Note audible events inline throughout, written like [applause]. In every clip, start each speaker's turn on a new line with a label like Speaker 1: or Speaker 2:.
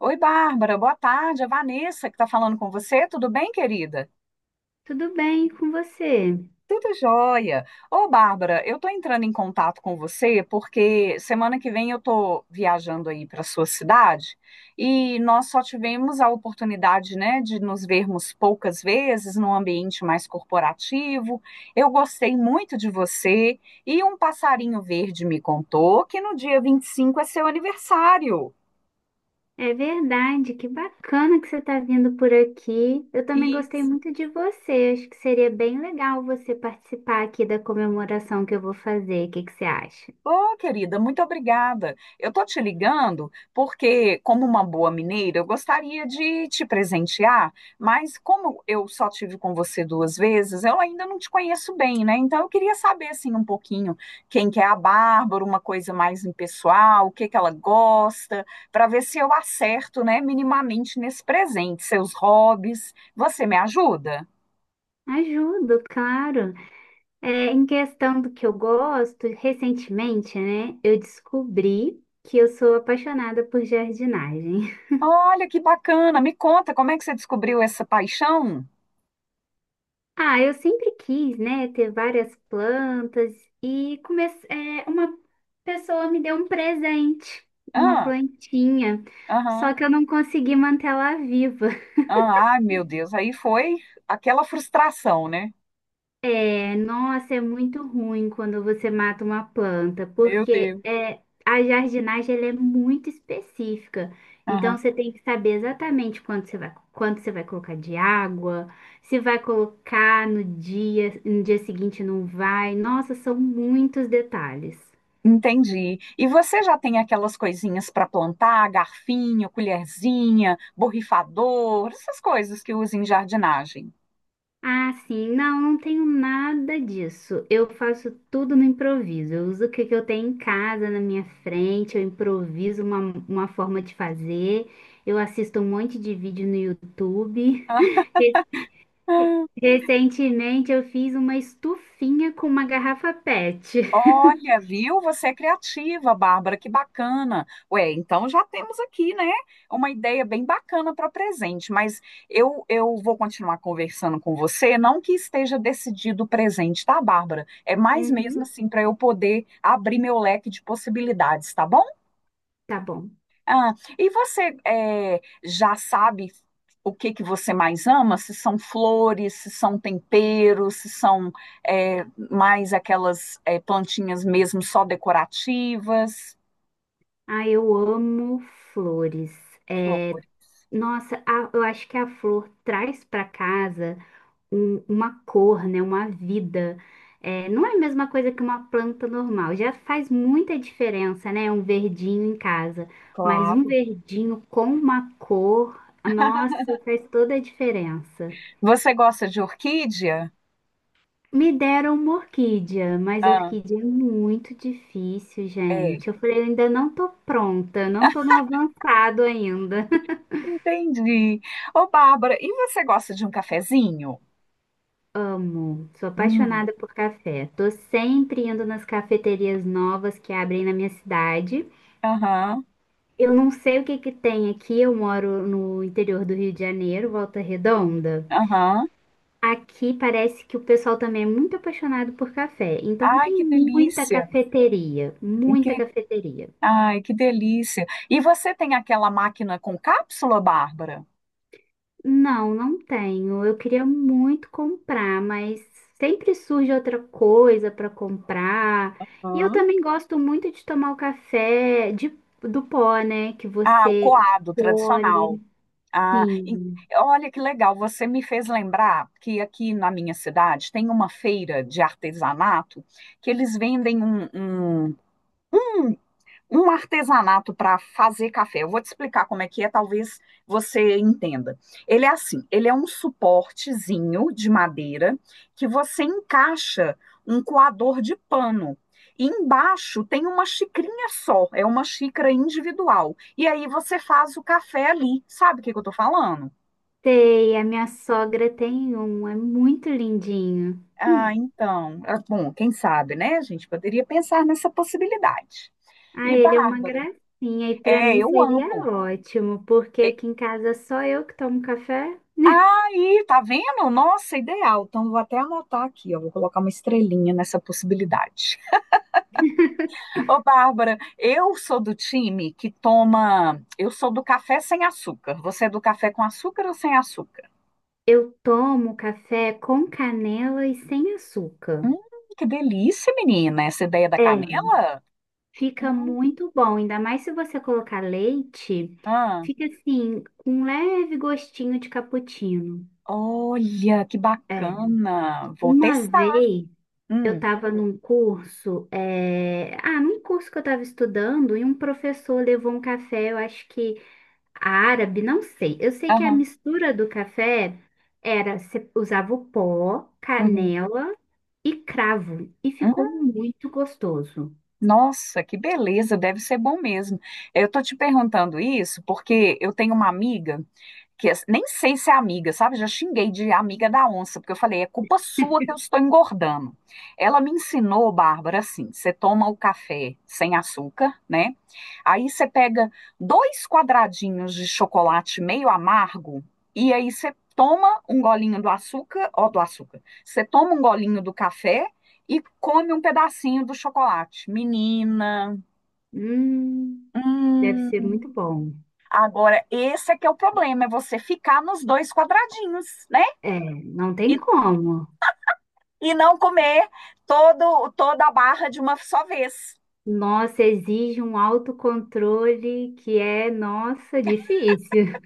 Speaker 1: Oi, Bárbara, boa tarde. É Vanessa que está falando com você. Tudo bem, querida?
Speaker 2: Tudo bem com você?
Speaker 1: Tudo jóia. Ô, Bárbara, eu tô entrando em contato com você porque semana que vem eu tô viajando aí para sua cidade e nós só tivemos a oportunidade, né, de nos vermos poucas vezes num ambiente mais corporativo. Eu gostei muito de você e um passarinho verde me contou que no dia 25 é seu aniversário.
Speaker 2: É verdade, que bacana que você está vindo por aqui. Eu também gostei
Speaker 1: Isso.
Speaker 2: muito de você. Acho que seria bem legal você participar aqui da comemoração que eu vou fazer. O que que você acha?
Speaker 1: Ô, querida, muito obrigada. Eu tô te ligando porque, como uma boa mineira, eu gostaria de te presentear, mas como eu só tive com você duas vezes, eu ainda não te conheço bem, né? Então eu queria saber assim um pouquinho quem que é a Bárbara, uma coisa mais impessoal, o que que ela gosta, para ver se eu acerto, né, minimamente nesse presente, seus hobbies. Você me ajuda?
Speaker 2: Ajudo, claro. Em questão do que eu gosto, recentemente, né, eu descobri que eu sou apaixonada por jardinagem.
Speaker 1: Olha que bacana. Me conta, como é que você descobriu essa paixão?
Speaker 2: Ah, eu sempre quis, né, ter várias plantas uma pessoa me deu um presente, uma
Speaker 1: Ah,
Speaker 2: plantinha, só
Speaker 1: aham.
Speaker 2: que eu não consegui manter ela viva.
Speaker 1: Ah, ai, meu Deus, aí foi aquela frustração, né?
Speaker 2: Nossa, é muito ruim quando você mata uma planta,
Speaker 1: Meu Deus.
Speaker 2: a jardinagem ela é muito específica. Então
Speaker 1: Aham.
Speaker 2: você tem que saber exatamente quanto você vai colocar de água, se vai colocar no dia, no dia seguinte não vai. Nossa, são muitos detalhes.
Speaker 1: Entendi. E você já tem aquelas coisinhas para plantar, garfinho, colherzinha, borrifador, essas coisas que usa em jardinagem?
Speaker 2: Ah, sim, não, não tenho nada disso. Eu faço tudo no improviso. Eu uso o que que eu tenho em casa, na minha frente, uma forma de fazer. Eu assisto um monte de vídeo no YouTube. [laughs] Re- Recentemente eu fiz uma estufinha com uma garrafa PET.
Speaker 1: Olha, viu? Você é criativa, Bárbara, que bacana. Ué, então já temos aqui, né, uma ideia bem bacana para presente, mas eu vou continuar conversando com você, não que esteja decidido o presente, tá, Bárbara? É mais
Speaker 2: Uhum,
Speaker 1: mesmo assim para eu poder abrir meu leque de possibilidades, tá bom?
Speaker 2: tá bom.
Speaker 1: Ah, e você já sabe o que que você mais ama? Se são flores, se são temperos, se são eh, mais aquelas plantinhas mesmo só decorativas?
Speaker 2: Ah, eu amo flores. É,
Speaker 1: Flores,
Speaker 2: eu acho que a flor traz para casa uma cor, né, uma vida. É, não é a mesma coisa que uma planta normal. Já faz muita diferença, né, um verdinho em casa. Mas um
Speaker 1: claro.
Speaker 2: verdinho com uma cor, nossa, faz toda a diferença.
Speaker 1: Você gosta de orquídea?
Speaker 2: Me deram uma orquídea, mas a
Speaker 1: Ah,
Speaker 2: orquídea é muito difícil,
Speaker 1: é.
Speaker 2: gente. Eu falei, eu ainda não tô pronta, não tô no avançado ainda. [laughs]
Speaker 1: Entendi. Ô, Bárbara, e você gosta de um cafezinho?
Speaker 2: Amo, sou
Speaker 1: Hum,
Speaker 2: apaixonada por café. Tô sempre indo nas cafeterias novas que abrem na minha cidade.
Speaker 1: aham,
Speaker 2: Eu não sei o que que tem aqui. Eu moro no interior do Rio de Janeiro, Volta Redonda.
Speaker 1: aham.
Speaker 2: Aqui parece que o pessoal também é muito apaixonado por café. Então
Speaker 1: Ai,
Speaker 2: tem
Speaker 1: que
Speaker 2: muita
Speaker 1: delícia.
Speaker 2: cafeteria, muita cafeteria.
Speaker 1: Ai, que delícia. E você tem aquela máquina com cápsula, Bárbara?
Speaker 2: Não, não tenho. Eu queria muito comprar, mas sempre surge outra coisa para comprar. E eu
Speaker 1: Hã?
Speaker 2: também gosto muito de tomar do pó, né? Que
Speaker 1: Ah, o
Speaker 2: você
Speaker 1: coado tradicional.
Speaker 2: colhe.
Speaker 1: Ah, e-
Speaker 2: Sim.
Speaker 1: olha que legal, você me fez lembrar que aqui na minha cidade tem uma feira de artesanato que eles vendem um- um um artesanato para fazer café. Eu vou te explicar como é que é, talvez você entenda. Ele é assim, ele é um suportezinho de madeira que você encaixa um coador de pano. E embaixo tem uma xicrinha só, é uma xícara individual. E aí você faz o café ali. Sabe o que que eu tô falando?
Speaker 2: Sei, a minha sogra tem um, é muito lindinho.
Speaker 1: Ah, então, ah, bom, quem sabe, né? A gente poderia pensar nessa possibilidade.
Speaker 2: Ah,
Speaker 1: E
Speaker 2: ele é uma
Speaker 1: Bárbara,
Speaker 2: gracinha e para
Speaker 1: é,
Speaker 2: mim
Speaker 1: eu
Speaker 2: seria
Speaker 1: amo.
Speaker 2: ótimo, porque aqui em casa só eu que tomo café. [laughs]
Speaker 1: Aí, tá vendo? Nossa, ideal. Então, vou até anotar aqui, ó. Vou colocar uma estrelinha nessa possibilidade. Ô, Bárbara, eu sou do time que toma. Eu sou do café sem açúcar. Você é do café com açúcar ou sem açúcar?
Speaker 2: Eu tomo café com canela e sem açúcar.
Speaker 1: Hum, que delícia, menina, essa ideia da
Speaker 2: É,
Speaker 1: canela?
Speaker 2: fica
Speaker 1: Não.
Speaker 2: muito bom, ainda mais se você colocar leite,
Speaker 1: Ah,
Speaker 2: fica assim, com um leve gostinho de cappuccino.
Speaker 1: olha, que
Speaker 2: É.
Speaker 1: bacana. Vou
Speaker 2: Uma
Speaker 1: testar.
Speaker 2: vez eu
Speaker 1: Hum,
Speaker 2: estava num curso que eu estava estudando, e um professor levou um café, eu acho que árabe, não sei. Eu sei que a
Speaker 1: aham,
Speaker 2: mistura do café era, você usava o pó,
Speaker 1: uhum.
Speaker 2: canela e cravo, e
Speaker 1: Hum.
Speaker 2: ficou muito gostoso.
Speaker 1: Nossa, que beleza, deve ser bom mesmo. Eu tô te perguntando isso porque eu tenho uma amiga. Que as- nem sei se é amiga, sabe? Já xinguei de amiga da onça, porque eu falei, é culpa sua que eu estou engordando. Ela me ensinou, Bárbara, assim: você toma o café sem açúcar, né? Aí você pega dois quadradinhos de chocolate meio amargo, e aí você toma um golinho do açúcar, ó, do açúcar. Você toma um golinho do café e come um pedacinho do chocolate. Menina,
Speaker 2: Hum, deve ser
Speaker 1: hum.
Speaker 2: muito bom.
Speaker 1: Agora, esse é que é o problema, é você ficar nos dois quadradinhos, né?
Speaker 2: É, não tem
Speaker 1: E
Speaker 2: como.
Speaker 1: e não comer todo, toda a barra de uma só vez.
Speaker 2: Nossa, exige um autocontrole que é, nossa, difícil.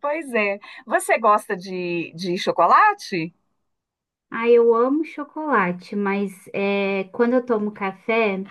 Speaker 1: Pois é. Você gosta de chocolate?
Speaker 2: Ah, eu amo chocolate, quando eu tomo café,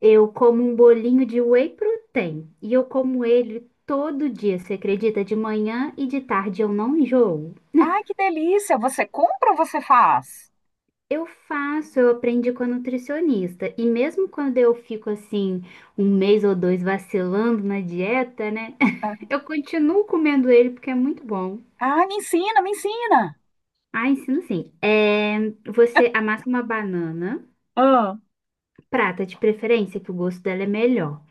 Speaker 2: eu como um bolinho de whey protein. E eu como ele todo dia, você acredita? De manhã e de tarde eu não enjoo.
Speaker 1: Ai, que delícia! Você compra ou você faz?
Speaker 2: Eu faço, eu aprendi com a nutricionista. E mesmo quando eu fico assim, um mês ou dois vacilando na dieta, né?
Speaker 1: Ah,
Speaker 2: [laughs] Eu continuo comendo ele porque é muito bom.
Speaker 1: ah, me ensina, me ensina.
Speaker 2: Ah, ensino sim. É, você amassa uma banana,
Speaker 1: Ah,
Speaker 2: prata de preferência, que o gosto dela é melhor.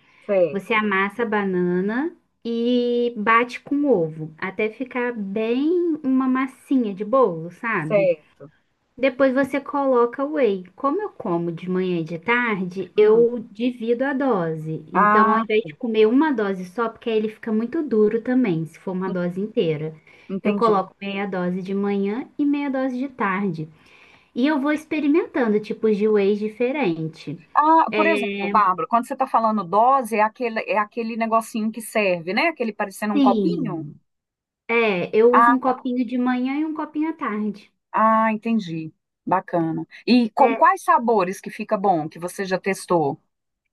Speaker 2: Você
Speaker 1: certo,
Speaker 2: amassa a banana e bate com ovo, até ficar bem uma massinha de bolo, sabe?
Speaker 1: certo.
Speaker 2: Depois você coloca o whey. Como eu como de manhã e de tarde,
Speaker 1: Hum.
Speaker 2: eu divido a dose. Então, ao
Speaker 1: Ah,
Speaker 2: invés de comer uma dose só, porque aí ele fica muito duro também, se for uma dose inteira. Eu
Speaker 1: entendi.
Speaker 2: coloco meia dose de manhã e meia dose de tarde. E eu vou experimentando tipos de whey diferente.
Speaker 1: Ah, por exemplo, Bárbara, quando você está falando dose, é aquele negocinho que serve, né? Aquele parecendo um copinho?
Speaker 2: Sim. É, eu uso
Speaker 1: Ah,
Speaker 2: um
Speaker 1: tá.
Speaker 2: copinho de manhã e um copinho à tarde.
Speaker 1: Ah, entendi. Bacana. E com
Speaker 2: É,
Speaker 1: quais sabores que fica bom, que você já testou?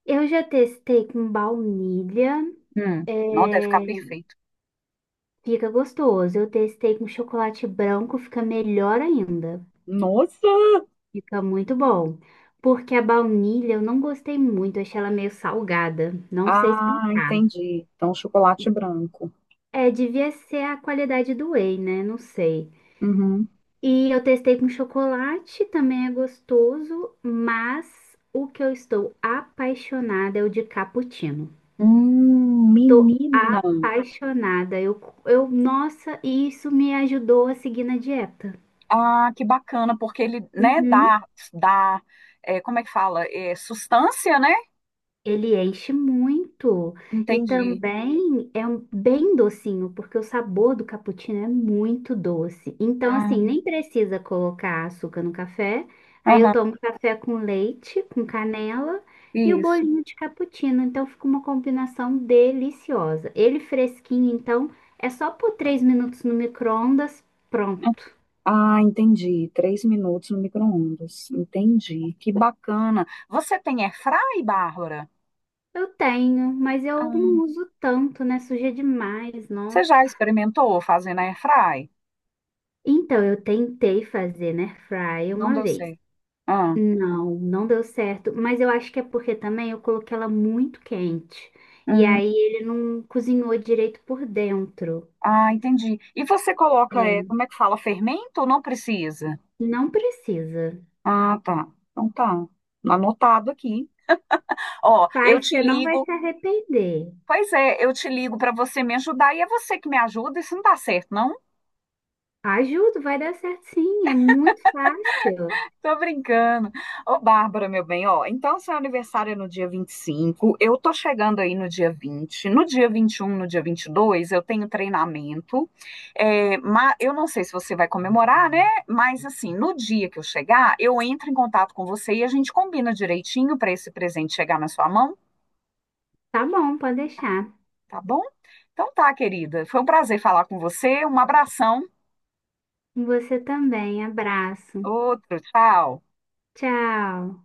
Speaker 2: eu já testei com baunilha,
Speaker 1: Não deve ficar
Speaker 2: é,
Speaker 1: perfeito.
Speaker 2: fica gostoso. Eu testei com chocolate branco, fica melhor ainda.
Speaker 1: Nossa!
Speaker 2: Fica muito bom. Porque a baunilha eu não gostei muito, achei ela meio salgada. Não sei
Speaker 1: Ah,
Speaker 2: explicar.
Speaker 1: entendi. Então, chocolate branco.
Speaker 2: É, devia ser a qualidade do whey, né? Não sei.
Speaker 1: Uhum.
Speaker 2: E eu testei com chocolate, também é gostoso, mas o que eu estou apaixonada é o de cappuccino. Tô
Speaker 1: Menina!
Speaker 2: apaixonada. Nossa, e isso me ajudou a seguir na dieta.
Speaker 1: Ah, que bacana, porque ele, né,
Speaker 2: Uhum.
Speaker 1: dá, é, como é que fala? É, sustância, né?
Speaker 2: Ele enche muito e
Speaker 1: Entendi.
Speaker 2: também é bem docinho, porque o sabor do cappuccino é muito doce. Então, assim,
Speaker 1: Ah,
Speaker 2: nem precisa colocar açúcar no café. Aí eu
Speaker 1: aham,
Speaker 2: tomo café com leite, com canela e o
Speaker 1: isso.
Speaker 2: bolinho de cappuccino. Então, fica uma combinação deliciosa. Ele fresquinho, então, é só por 3 minutos no micro-ondas, pronto.
Speaker 1: Ah, entendi. 3 minutos no micro-ondas. Entendi. Que bacana. Você tem airfry, Bárbara?
Speaker 2: Eu tenho, mas eu
Speaker 1: Ah,
Speaker 2: não uso tanto, né? Suja demais,
Speaker 1: você
Speaker 2: nossa.
Speaker 1: já experimentou fazendo airfry?
Speaker 2: Então, eu tentei fazer, né, fry
Speaker 1: Não
Speaker 2: uma
Speaker 1: deu
Speaker 2: vez.
Speaker 1: certo. Ah,
Speaker 2: Não, não deu certo, mas eu acho que é porque também eu coloquei ela muito quente. E
Speaker 1: hum.
Speaker 2: aí ele não cozinhou direito por dentro.
Speaker 1: Ah, entendi. E você coloca, é,
Speaker 2: É,
Speaker 1: como é que fala, fermento ou não precisa?
Speaker 2: não precisa.
Speaker 1: Ah, tá. Então tá. Anotado aqui. Ó, eu
Speaker 2: Pai,
Speaker 1: te
Speaker 2: você não vai
Speaker 1: ligo.
Speaker 2: se arrepender.
Speaker 1: Pois é, eu te ligo para você me ajudar e é você que me ajuda. Isso não dá certo, não.
Speaker 2: Ajuda, vai dar certo sim, é muito fácil.
Speaker 1: Tô brincando. Ô, Bárbara, meu bem, ó, então seu aniversário é no dia 25. Eu tô chegando aí no dia 20. No dia 21, no dia 22, eu tenho treinamento, é, eu não sei se você vai comemorar, né? Mas, assim, no dia que eu chegar, eu entro em contato com você e a gente combina direitinho pra esse presente chegar na sua mão,
Speaker 2: Tá bom, pode deixar.
Speaker 1: tá bom? Então tá, querida, foi um prazer falar com você, um abração,
Speaker 2: Você também, abraço.
Speaker 1: outro, tchau.
Speaker 2: Tchau.